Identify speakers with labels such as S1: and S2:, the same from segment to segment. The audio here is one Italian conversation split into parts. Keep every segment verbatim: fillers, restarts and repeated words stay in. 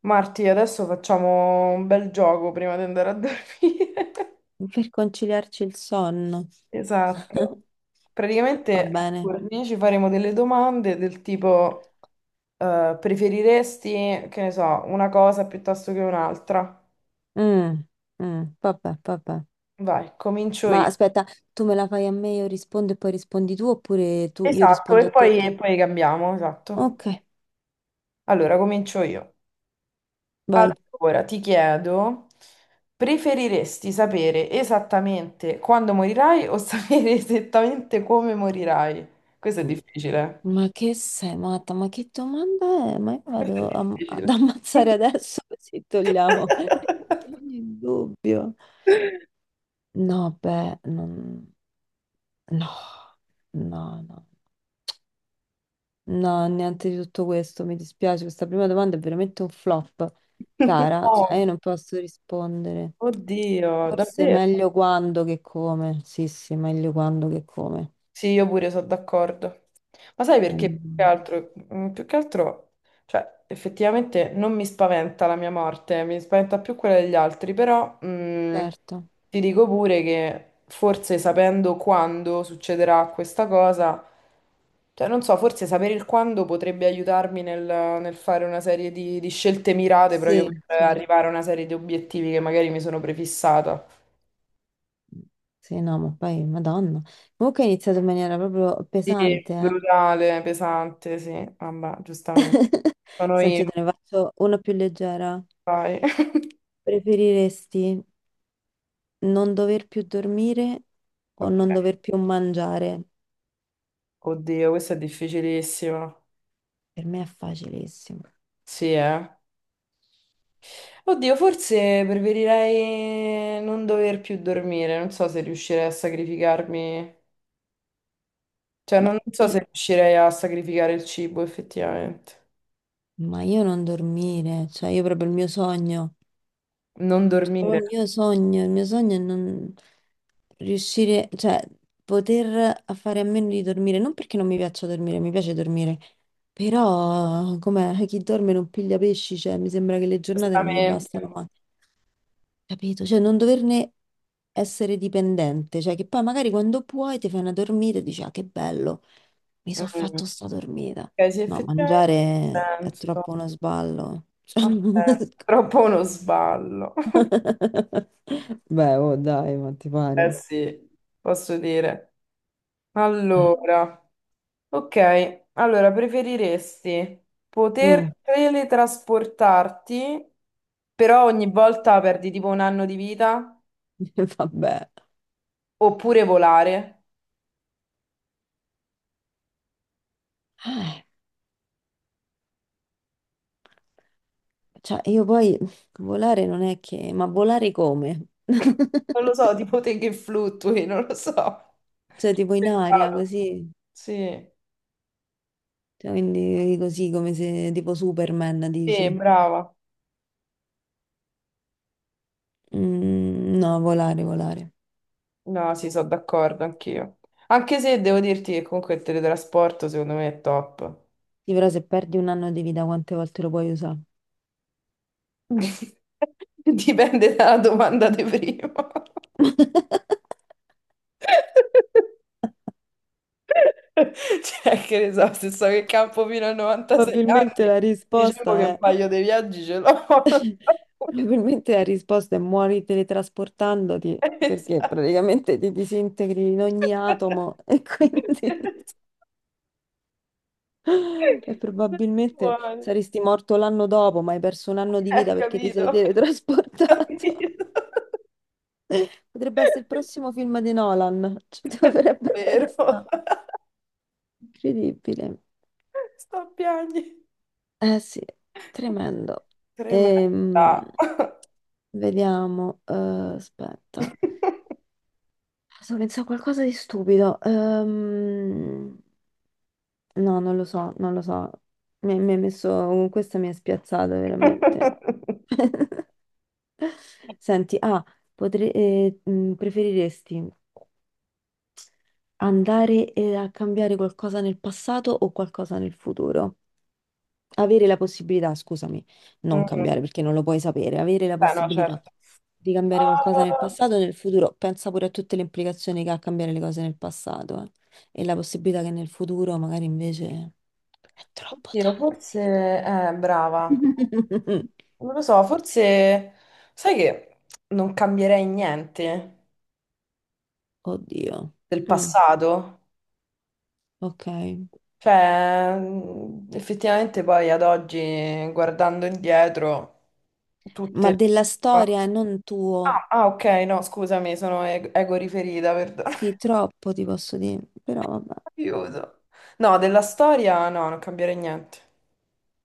S1: Marti, adesso facciamo un bel gioco prima di andare a dormire.
S2: Per conciliarci il sonno.
S1: Esatto.
S2: Va
S1: Praticamente a
S2: bene.
S1: turni ci faremo delle domande del tipo eh, preferiresti, che ne so, una cosa piuttosto che un'altra?
S2: Mm, mm, vabbè, vabbè.
S1: Vai, comincio io.
S2: Ma aspetta, tu me la fai a me, io rispondo e poi rispondi tu, oppure tu, io
S1: Esatto,
S2: rispondo
S1: e
S2: a te e
S1: poi, e
S2: tu?
S1: poi cambiamo, esatto.
S2: Ok,
S1: Allora, comincio io.
S2: vai.
S1: Allora, ti chiedo, preferiresti sapere esattamente quando morirai o sapere esattamente come morirai? Questo è difficile.
S2: Ma che sei matta? Ma che domanda è? Ma io
S1: Questo è
S2: vado a- ad
S1: difficile.
S2: ammazzare adesso così togliamo ogni dubbio. No, beh, non- no, no, no. No, niente di tutto questo, mi dispiace, questa prima domanda è veramente un flop, cara,
S1: Oh,
S2: cioè io non posso rispondere.
S1: oddio,
S2: Forse è
S1: davvero?
S2: meglio quando che come, sì, sì, meglio quando che come.
S1: Sì, io pure sono d'accordo. Ma sai perché
S2: Meglio
S1: più che
S2: quando.
S1: altro, mm, più che altro, cioè, effettivamente non mi spaventa la mia morte, mi spaventa più quella degli altri, però mm,
S2: Certo,
S1: ti dico pure che forse sapendo quando succederà questa cosa, cioè, non so, forse sapere il quando potrebbe aiutarmi nel, nel fare una serie di, di scelte mirate proprio
S2: sì,
S1: per
S2: certo.
S1: arrivare a una serie di obiettivi che magari mi sono prefissata.
S2: Sì, no, ma poi, madonna. Comunque è iniziato in maniera proprio
S1: Sì,
S2: pesante, eh.
S1: brutale, pesante, sì. Vabbè, giustamente. Sono
S2: Senti, io
S1: io,
S2: te ne faccio una più leggera.
S1: vai.
S2: Preferiresti non dover più dormire o
S1: Ok.
S2: non dover più mangiare?
S1: Oddio, questa è difficilissima.
S2: Per me è facilissimo.
S1: Sì, eh. Oddio, forse preferirei non dover più dormire. Non so se riuscirei a sacrificarmi. Cioè,
S2: Ma
S1: non non so
S2: i-
S1: se riuscirei a sacrificare il cibo, effettivamente.
S2: ma io, non dormire, cioè io proprio il mio sogno,
S1: Non
S2: cioè proprio
S1: dormire,
S2: il mio sogno, il mio sogno è non riuscire, cioè poter a fare a meno di dormire, non perché non mi piaccia dormire, mi piace dormire, però come chi dorme non piglia pesci, cioè mi sembra che le giornate non mi
S1: giustamente.
S2: bastano mai, capito? Cioè non doverne essere dipendente, cioè che poi magari quando puoi ti fai una dormita e dici ah che bello. Mi
S1: Mm.
S2: sono fatto sta dormita.
S1: Ok, sì,
S2: No,
S1: effettivamente.
S2: mangiare
S1: Ha
S2: è
S1: senso.
S2: troppo uno sballo. Cioè,
S1: Ha senso. Troppo uno sballo.
S2: beh, oh dai, ma ti
S1: Eh
S2: pare?
S1: sì, posso dire.
S2: eh,
S1: Allora, ok, allora preferiresti
S2: Mm,
S1: poter teletrasportarti, però ogni volta perdi tipo un anno di vita,
S2: Vabbè.
S1: oppure volare?
S2: eh, cioè, io poi volare non è che... Ma volare come?
S1: Non lo so, tipo te che fluttui, non lo so. Ho
S2: Cioè, tipo in aria,
S1: pensato.
S2: così.
S1: Sì,
S2: Cioè, quindi così come se tipo Superman,
S1: sì,
S2: dici.
S1: brava.
S2: Mm, no, volare, volare.
S1: No, sì, sono d'accordo anch'io. Anche se devo dirti che comunque il teletrasporto secondo me è top.
S2: Sì, però se perdi un anno di vita, quante volte lo puoi usare?
S1: Dipende dalla domanda di prima. Cioè, che ne so, se so che campo fino a novantasei
S2: Probabilmente
S1: anni,
S2: la
S1: diciamo
S2: risposta
S1: che un
S2: è,
S1: paio di viaggi ce l'ho. Non so come dire.
S2: probabilmente la risposta è muori teletrasportandoti, perché
S1: Esatto.
S2: praticamente ti disintegri in ogni atomo e quindi e probabilmente
S1: Buono.
S2: saresti morto l'anno dopo, ma hai perso un anno di
S1: Eh,
S2: vita perché ti sei
S1: capito?
S2: teletrasportato.
S1: Capito?
S2: Potrebbe essere il prossimo film di Nolan, ci dovrebbe
S1: Vero.
S2: pensare. Incredibile.
S1: Sto a piangere.
S2: Eh sì, tremendo.
S1: Tremenda.
S2: Ehm, vediamo, eh, aspetta. Sto pensando a qualcosa di stupido. Ehm, no, non lo so, non lo so. Mi, mi ha messo... uh, Questa mi ha spiazzato veramente. Senti, ah, potre- eh, mh, preferiresti andare eh, a cambiare qualcosa nel passato o qualcosa nel futuro? Avere la possibilità, scusami, non
S1: Mm,
S2: cambiare perché non lo puoi sapere, avere la
S1: beh, no,
S2: possibilità
S1: certo.
S2: di cambiare qualcosa nel
S1: Ah,
S2: passato e nel futuro, pensa pure a tutte le implicazioni che ha cambiare le cose nel passato, eh. E la possibilità che nel futuro magari invece è troppo
S1: oddio, forse
S2: tardi.
S1: eh, brava. Non lo so, forse sai che non cambierei niente
S2: Oddio.
S1: del
S2: Mm,
S1: passato.
S2: ok.
S1: Cioè, mm, effettivamente poi ad oggi, guardando indietro,
S2: Ma
S1: tutte.
S2: della
S1: Ah,
S2: storia e non tuo.
S1: ah, ok, no, scusami, sono e- ego riferita, perdono.
S2: Sì, troppo ti posso dire, però vabbè,
S1: Aiuto. No, della storia no, non cambierei niente.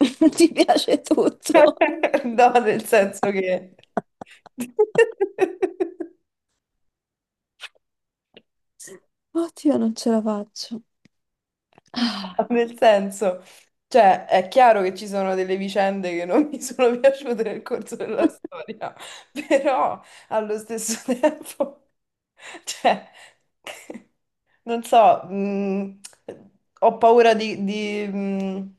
S2: ti piace tutto.
S1: No, nel senso che.
S2: Oddio, non ce la faccio.
S1: No,
S2: Ah.
S1: nel senso, cioè, è chiaro che ci sono delle vicende che non mi sono piaciute nel corso della storia, però allo stesso tempo, cioè, non so, mh, ho paura di, di, mh,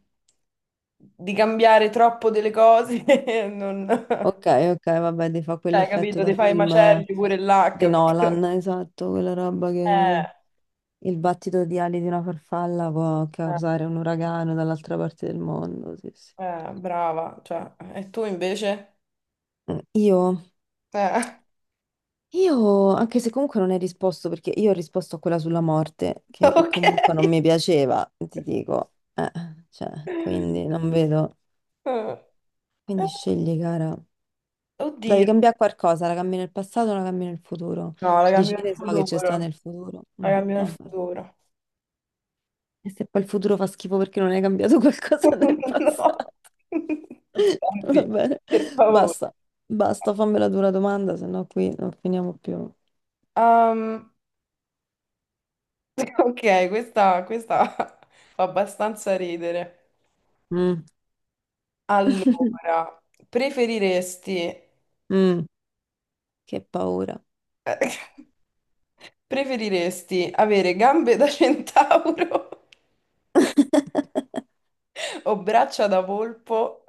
S1: di cambiare troppo delle cose, non.
S2: Ok, ok, vabbè, ti fa
S1: Cioè,
S2: quell'effetto
S1: capito,
S2: da
S1: ti fai i
S2: film
S1: macelli
S2: eh,
S1: pure là,
S2: di
S1: capito? Eh,
S2: Nolan, esatto, quella roba che il battito di ali di una farfalla può
S1: eh,
S2: causare un uragano dall'altra parte del mondo, sì, sì.
S1: Eh, brava, cioè, e tu invece?
S2: Mm, Io,
S1: Eh,
S2: io, anche se comunque non hai risposto, perché io ho risposto a quella sulla morte, che
S1: ok.
S2: comunque non mi piaceva, ti dico, eh, cioè,
S1: Eh,
S2: quindi non vedo.
S1: eh,
S2: Quindi scegli, cara. Devi
S1: oddio.
S2: cambiare qualcosa, la cambi nel passato o la cambi nel futuro?
S1: No, la
S2: Tu dici
S1: cambio
S2: che
S1: nel
S2: ne so che c'è sta
S1: futuro.
S2: nel futuro.
S1: La
S2: Mm,
S1: cambio nel
S2: vabbè.
S1: futuro.
S2: E se poi il futuro fa schifo perché non hai cambiato qualcosa nel
S1: No.
S2: passato. Va
S1: Senti,
S2: bene,
S1: per favore.
S2: basta, basta, fammela tu la dura domanda, se no qui non finiamo più.
S1: Um, ok, questa, questa fa abbastanza ridere.
S2: Mm.
S1: Allora, preferiresti.
S2: Mm, che paura.
S1: Preferiresti avere gambe da centauro? Ho braccia da volpo,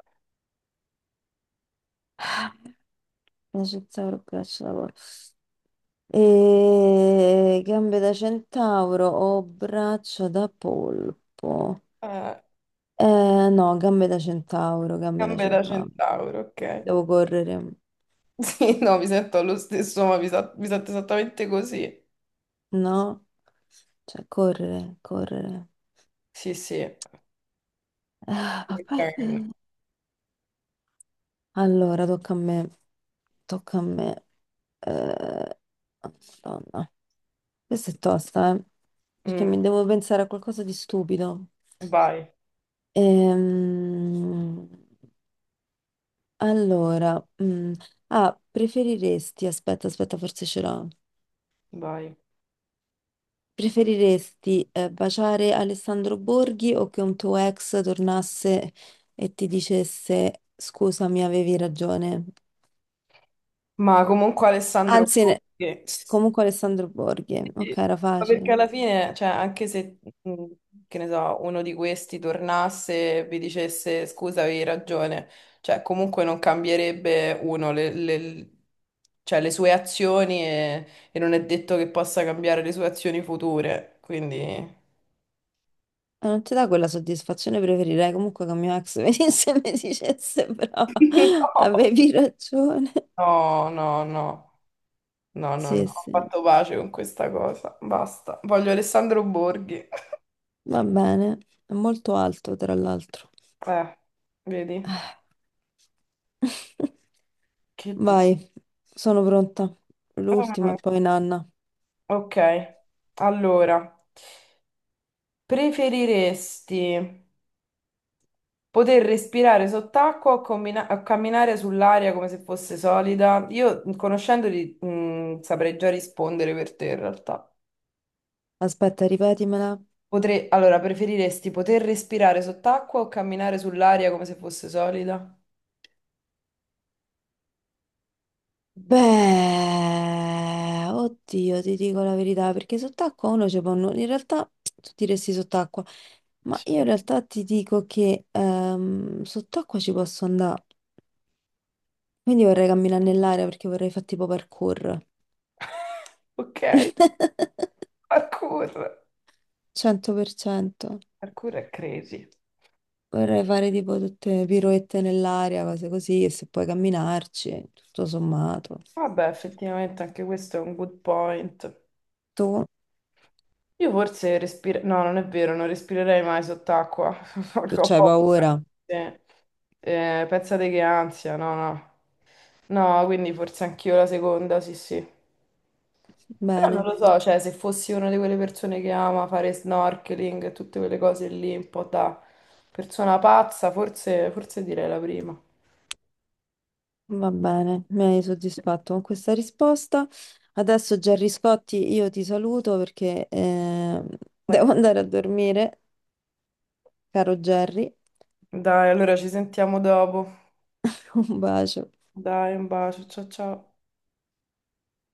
S2: La centauro braccio da porco. E... Gambe da centauro o braccia da polpo?
S1: eh,
S2: Eh, no, gambe da centauro, gambe da
S1: gambe da
S2: centauro.
S1: centauro, ok.
S2: Devo correre,
S1: Sì, no, mi sento lo stesso, ma mi, sa- mi sento esattamente così.
S2: no? Cioè, correre, correre.
S1: Sì, sì.
S2: Ah, vabbè.
S1: Ok.
S2: Allora, tocca a me. Tocca a me. Eh, Madonna. Questa è tosta, eh? Perché
S1: Mm,
S2: mi devo pensare a qualcosa di stupido.
S1: vai,
S2: Ehm, allora, mm, ah, preferiresti, aspetta, aspetta, forse ce l'ho.
S1: vai.
S2: Preferiresti eh, baciare Alessandro Borghi o che un tuo ex tornasse e ti dicesse scusa, mi avevi ragione?
S1: Ma comunque Alessandro
S2: Anzi, ne-
S1: Borghi.
S2: Comunque Alessandro Borghi, ok,
S1: Sì,
S2: era
S1: ma perché
S2: facile.
S1: alla fine, cioè, anche se, mh, che ne so, uno di questi tornasse e vi dicesse scusa, avevi ragione, cioè, comunque non cambierebbe uno le, le- cioè, le sue azioni e, e non è detto che possa cambiare le sue azioni future. Quindi,
S2: E non ti dà quella soddisfazione, preferirei comunque che mio ex venisse e mi dicesse brava, avevi ragione.
S1: no, no, no, no, no, no,
S2: Sì,
S1: ho
S2: sì,
S1: fatto pace con questa cosa. Basta. Voglio Alessandro Borghi.
S2: va bene, è molto alto tra l'altro.
S1: Eh, vedi, che di.
S2: Vai, sono pronta. L'ultima e poi nanna.
S1: Ok, allora, preferiresti poter respirare sott'acqua o, combina- o camminare sull'aria come se fosse solida? Io, conoscendoli, mh, saprei già rispondere per te in realtà.
S2: Aspetta, ripetimela.
S1: Potrei, allora, preferiresti poter respirare sott'acqua o camminare sull'aria come se fosse solida?
S2: Beh, oddio, ti dico la verità, perché sott'acqua uno ci può... nu- in realtà tu diresti sott'acqua, ma
S1: Sì.
S2: io in realtà ti dico che ehm, sott'acqua ci posso andare. Quindi vorrei camminare nell'aria perché vorrei fare tipo parkour.
S1: Ok, parkour.
S2: cento per cento.
S1: Parkour è crazy.
S2: Vorrei fare tipo tutte piroette nell'aria, cose così, e se puoi camminarci, tutto sommato.
S1: Vabbè, effettivamente anche questo è un good point.
S2: Tu?
S1: Io forse respiro. No, non è vero, non respirerei mai sott'acqua.
S2: Tu
S1: Porca ho
S2: c'hai
S1: paura.
S2: paura?
S1: Sì. Eh, pensate che ansia, no, no. No, quindi forse anch'io la seconda, sì, sì. Però non
S2: Bene.
S1: lo so, cioè, se fossi una di quelle persone che ama fare snorkeling e tutte quelle cose lì, un po' da persona pazza, forse, forse direi la prima.
S2: Va bene, mi hai soddisfatto con questa risposta. Adesso, Gerry Scotti, io ti saluto perché eh,
S1: Eh,
S2: devo andare a dormire, caro Gerry.
S1: Dai, allora ci sentiamo dopo.
S2: Un bacio.
S1: Dai, un bacio, ciao ciao.